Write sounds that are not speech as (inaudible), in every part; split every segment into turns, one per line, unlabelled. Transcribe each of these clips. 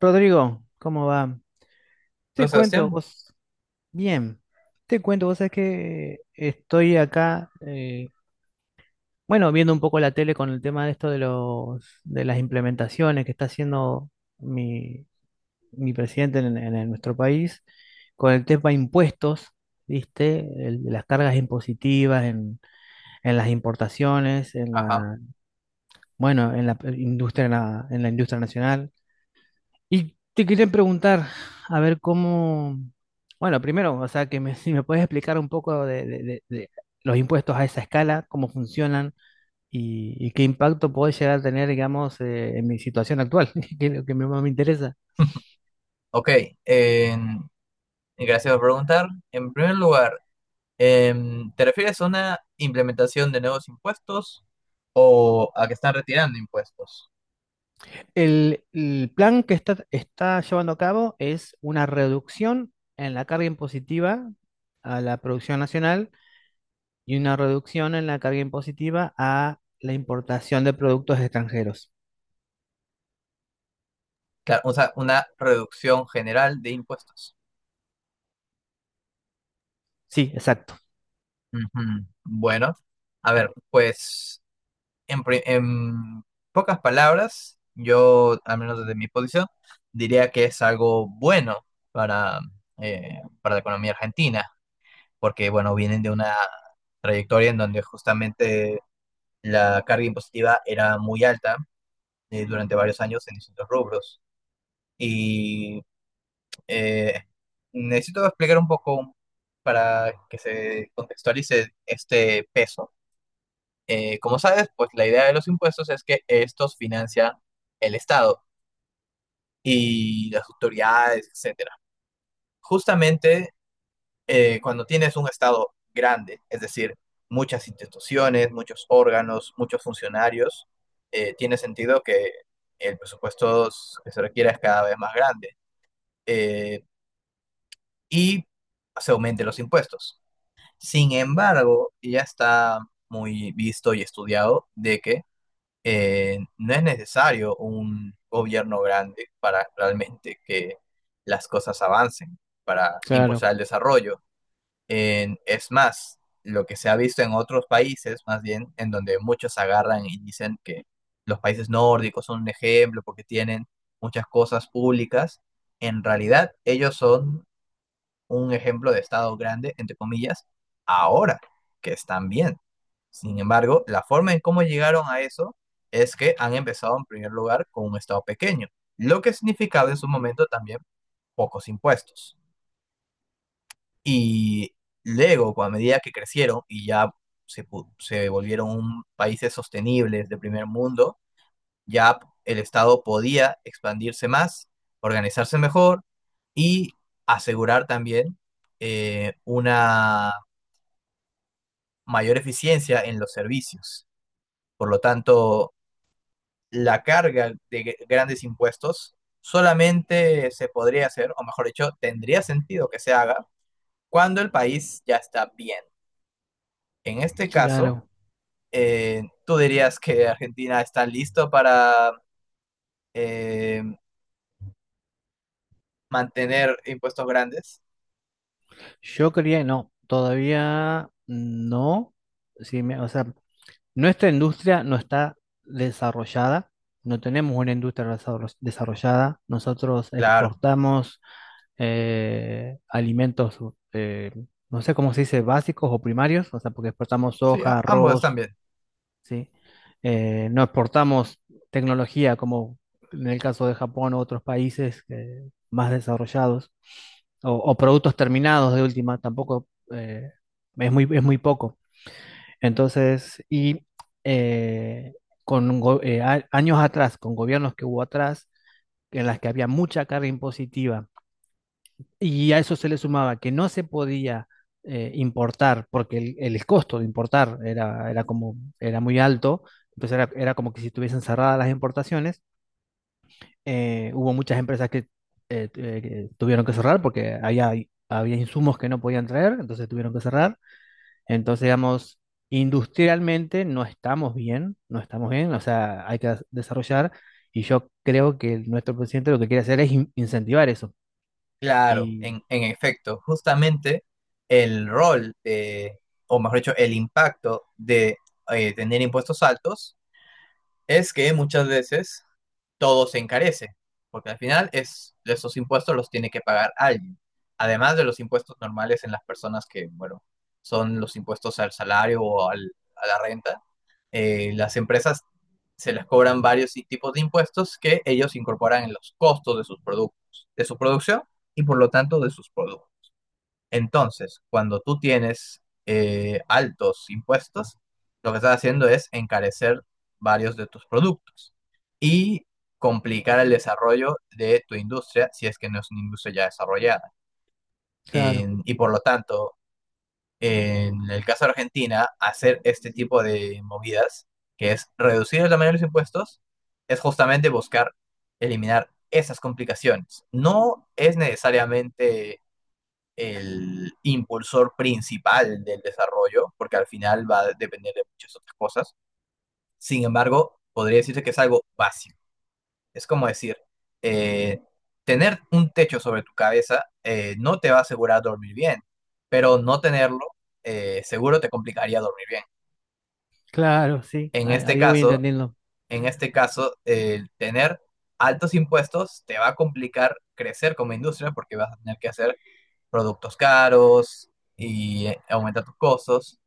Rodrigo, ¿cómo va? Te
Hola,
cuento,
Sebastián.
vos, bien, te cuento, vos sabés que estoy acá, bueno, viendo un poco la tele con el tema de esto de las implementaciones que está haciendo mi, mi presidente en nuestro país, con el tema impuestos, ¿viste? Las cargas impositivas en las importaciones,
Ajá.
bueno, en la industria, en la industria nacional. Y te quería preguntar, a ver cómo, bueno, primero, o sea, que me, (laughs) si me puedes explicar un poco de los impuestos a esa escala, cómo funcionan y qué impacto puede llegar a tener, digamos, en mi situación actual, (laughs) que es lo que me- más me interesa.
(laughs) Ok, em, y gracias por preguntar. En primer lugar, ¿te refieres a una implementación de nuevos impuestos o a que están retirando impuestos?
El plan que está, está llevando a cabo es una reducción en la carga impositiva a la producción nacional y una reducción en la carga impositiva a la importación de productos extranjeros.
Claro, o sea, una reducción general de impuestos.
Sí, exacto.
Ujú. Bueno, a ver, pues en pocas palabras, yo, al menos desde mi posición, diría que es algo bueno para, para la economía argentina porque bueno, vienen de una trayectoria en donde justamente la carga impositiva era muy alta durante varios años en distintos rubros. Y eh, necesito explicar un poco para que se contextualice este peso. Como sabes, pues la idea de los impuestos es que estos financian el Estado y las autoridades, etcétera. Justamente cuando tienes un Estado grande, es decir, muchas instituciones, muchos órganos, muchos funcionarios, tiene sentido que el presupuesto que se requiera es cada vez más grande eh, y se aumenten los impuestos. Sin embargo, ya está muy visto y estudiado de que no es necesario un gobierno grande para realmente que las cosas avancen, para
Claro.
impulsar el desarrollo. Es más, lo que se ha visto en otros países, más bien, en donde muchos agarran y dicen que los países nórdicos son un ejemplo porque tienen muchas cosas públicas, en realidad ellos son un ejemplo de Estado grande, entre comillas, ahora que están bien. Sin embargo, la forma en cómo llegaron a eso es que han empezado en primer lugar con un Estado pequeño, lo que significaba en su momento también pocos impuestos. Y luego, a medida que crecieron y ya se volvieron países sostenibles de primer mundo, ya el Estado podía expandirse más, organizarse mejor y asegurar también una mayor eficiencia en los servicios. Por lo tanto, la carga de grandes impuestos solamente se podría hacer, o mejor dicho, tendría sentido que se haga cuando el país ya está bien. En este
Sí,
caso,
claro,
¿tú dirías que Argentina está listo para eh, mantener impuestos grandes?
yo creía, no, todavía no. Sí, o sea, nuestra industria no está desarrollada, no tenemos una industria desarrollada. Nosotros
Claro,
exportamos alimentos, eh, no sé cómo se dice, básicos o primarios, o sea, porque exportamos
sí,
soja,
ambos están
arroz,
bien.
¿sí? No exportamos tecnología como en el caso de Japón u otros países más desarrollados, productos terminados de última, tampoco es, muy, es muy poco. Entonces, eh, con años atrás, con gobiernos que hubo atrás, en las que había mucha carga impositiva y a eso se le sumaba que no se podía importar, porque el costo de importar era, era, como, era muy alto, entonces era, era como que si estuviesen cerradas las importaciones, hubo muchas empresas que tuvieron que cerrar porque había, había insumos que no podían traer, entonces tuvieron que cerrar. Entonces, digamos, industrialmente no estamos bien, no estamos bien, o sea, hay que desarrollar y yo creo que nuestro presidente lo que quiere hacer es incentivar eso.
Claro,
Y,
en efecto, justamente el rol de, o mejor dicho, el impacto de tener impuestos altos es que muchas veces todo se encarece, porque al final es, esos impuestos los tiene que pagar alguien, además de los impuestos normales en las personas que, bueno, son los impuestos al salario o a la renta las empresas se les cobran varios tipos de impuestos que ellos incorporan en los costos de sus productos, de su producción y por lo tanto de sus productos. Entonces, cuando tú tienes altos impuestos, lo que estás haciendo es encarecer varios de tus productos y complicar el desarrollo de tu industria si es que no es una industria ya desarrollada.
claro.
Y por lo tanto, en el caso de Argentina, hacer este tipo de movidas, que es reducir el tamaño de los impuestos, es justamente buscar eliminar esas complicaciones. No es necesariamente el impulsor principal del desarrollo, porque al final va a depender de muchas otras cosas. Sin embargo, podría decirse que es algo básico. Es como decir, eh, tener un techo sobre tu cabeza no te va a asegurar dormir bien, pero no tenerlo seguro te complicaría dormir bien.
Claro, sí,
En
ahí,
este
ahí voy
caso,
entendiendo.
en este caso, el tener altos impuestos te va a complicar crecer como industria porque vas a tener que hacer productos caros y aumentar tus costos.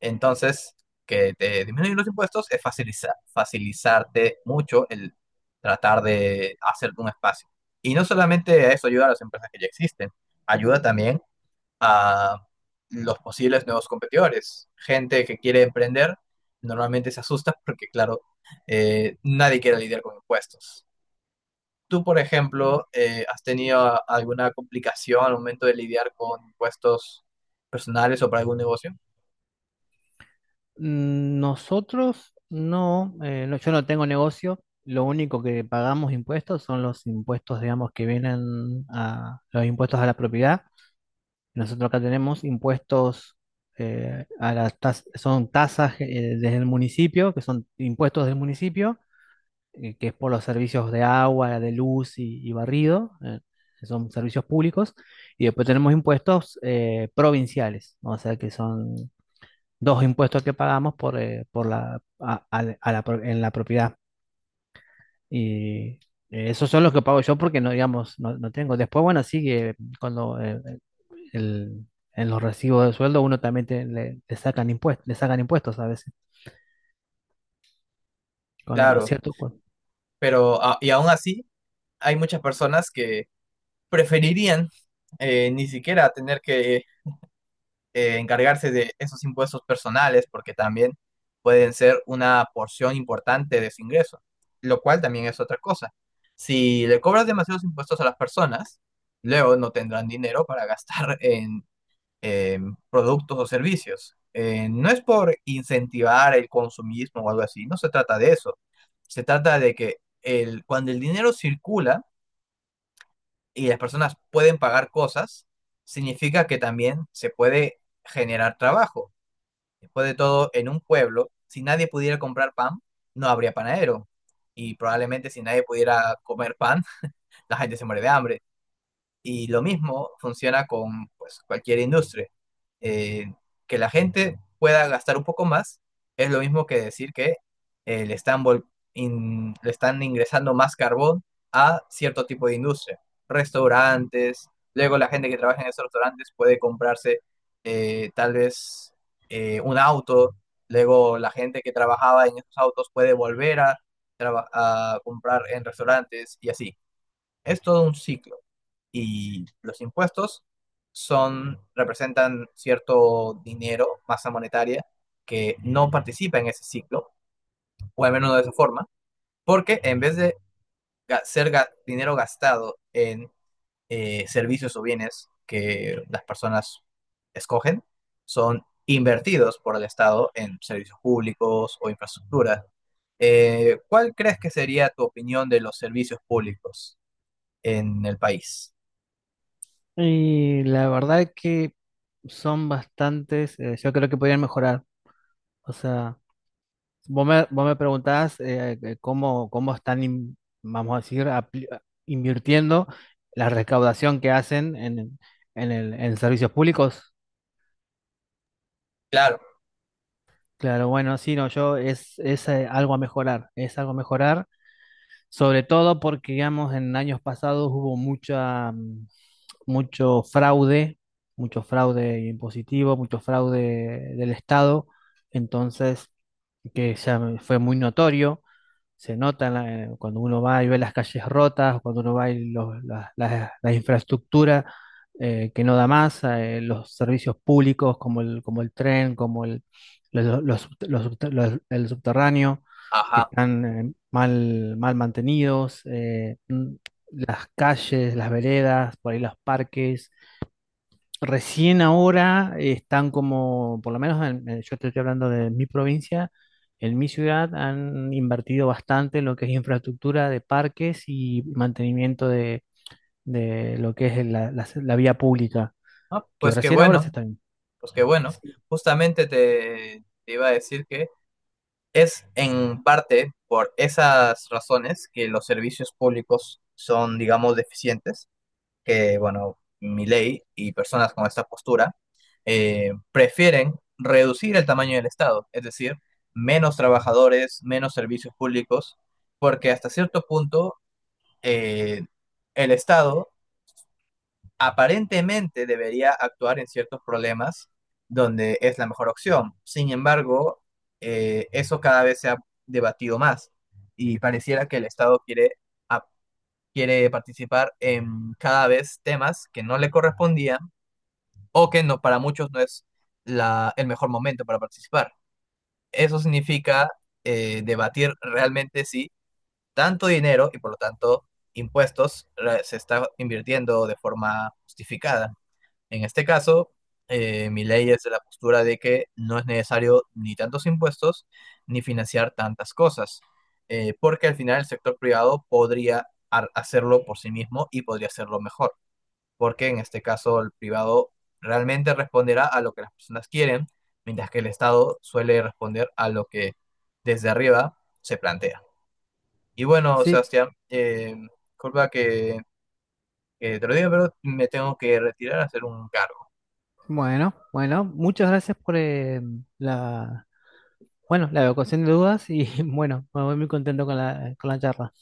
Entonces, que te disminuyen los impuestos es facilitarte mucho el tratar de hacer un espacio. Y no solamente a eso ayuda a las empresas que ya existen, ayuda también a los posibles nuevos competidores. Gente que quiere emprender normalmente se asusta porque, claro, nadie quiere lidiar con impuestos. Tú, por ejemplo, ¿has tenido alguna complicación al momento de lidiar con impuestos personales o para algún negocio?
Mm, nosotros no, no, yo no tengo negocio, lo único que pagamos impuestos son los impuestos, digamos, que vienen a los impuestos a la propiedad. Nosotros acá tenemos impuestos a son tasas desde el municipio, que son impuestos del municipio, que es por los servicios de agua, de luz y barrido, que son servicios públicos. Y después tenemos impuestos provinciales, ¿no? O sea que son dos impuestos que pagamos por la, a en la propiedad. Y esos son los que pago yo porque no, digamos, no tengo. Después, bueno, sí, cuando eh, eh, el- en los recibos de sueldo uno también le sacan impuestos a veces, cuando, a
Claro.
cierto,
Pero, y aún así, hay muchas personas que preferirían ni siquiera tener que encargarse de esos impuestos personales, porque también pueden ser una porción importante de su ingreso, lo cual también es otra cosa. Si le cobras demasiados impuestos a las personas, luego no tendrán dinero para gastar (laughs) en eh, productos o servicios. No es por incentivar el consumismo o algo así, no se trata de eso. Se trata de que el, cuando el dinero circula y las personas pueden pagar cosas, significa que también se puede generar trabajo. Después de todo, en un pueblo, si nadie pudiera comprar pan, no habría panadero. Y probablemente si nadie pudiera comer pan, (laughs) la gente se muere de hambre. Y lo mismo funciona con pues, cualquier industria. Eh, que la gente pueda gastar un poco más es lo mismo que decir que eh, le están, vol- le están ingresando más carbón a cierto tipo de industria. Restaurantes, luego la gente que trabaja en esos restaurantes puede comprarse tal vez un auto, luego la gente que trabajaba en esos autos puede volver a, a comprar en restaurantes y así. Es todo un ciclo y los impuestos son, representan cierto dinero, masa monetaria, que no participa en ese ciclo, o al menos no de esa forma, porque en vez de ser dinero gastado en servicios o bienes que las personas escogen, son invertidos por el Estado en servicios públicos o infraestructura. ¿Cuál crees que sería tu opinión de los servicios públicos en el país?
y la verdad es que son bastantes, yo creo que podrían mejorar. O sea, vos me preguntabas cómo, cómo están, vamos a decir, invirtiendo la recaudación que hacen en servicios públicos.
Claro,
Claro, bueno, sí, no, yo es algo a mejorar, es algo a mejorar, sobre todo porque, digamos, en años pasados hubo mucha, mucho fraude, mucho fraude impositivo, mucho fraude del Estado, entonces, que ya fue muy notorio se nota en cuando uno va y ve las calles rotas, cuando uno va y las la infraestructura que no da más, los servicios públicos como el tren, como el, el subterráneo, que
ajá.
están mal, mal mantenidos, las calles, las veredas, por ahí los parques. Recién ahora están como, por lo menos yo te estoy hablando de mi provincia, en mi ciudad han invertido bastante en lo que es infraestructura de parques y mantenimiento de lo que es la vía pública,
Ah,
que
pues qué
recién ahora se
bueno,
están...
pues qué bueno.
Sí,
Justamente te, te iba a decir que es en parte por esas razones que los servicios públicos son, digamos, deficientes, que, bueno, ley y personas con esta postura prefieren reducir el tamaño del Estado, es decir, menos trabajadores, menos servicios públicos, porque hasta cierto punto eh, el Estado aparentemente debería actuar en ciertos problemas donde es la mejor opción. Sin embargo, eso cada vez se ha debatido más y pareciera que el Estado quiere, ap- quiere participar en cada vez temas que no le correspondían o que no, para muchos no es la, el mejor momento para participar. Eso significa debatir realmente si tanto dinero y por lo tanto se está invirtiendo de forma justificada. En este caso, mi ley es de la postura de que no es necesario ni tantos impuestos ni financiar tantas cosas, porque al final el sector privado podría hacerlo por sí mismo y podría hacerlo mejor, porque en este caso el privado realmente responderá a lo que las personas quieren, mientras que el Estado suele responder a lo que desde arriba se plantea. Y bueno,
sí,
Sebastián, disculpa que te lo diga, pero me tengo que retirar a hacer un cargo.
bueno, bueno, muchas gracias por la, bueno, la evacuación de dudas y (laughs) bueno, me voy muy contento con la charla.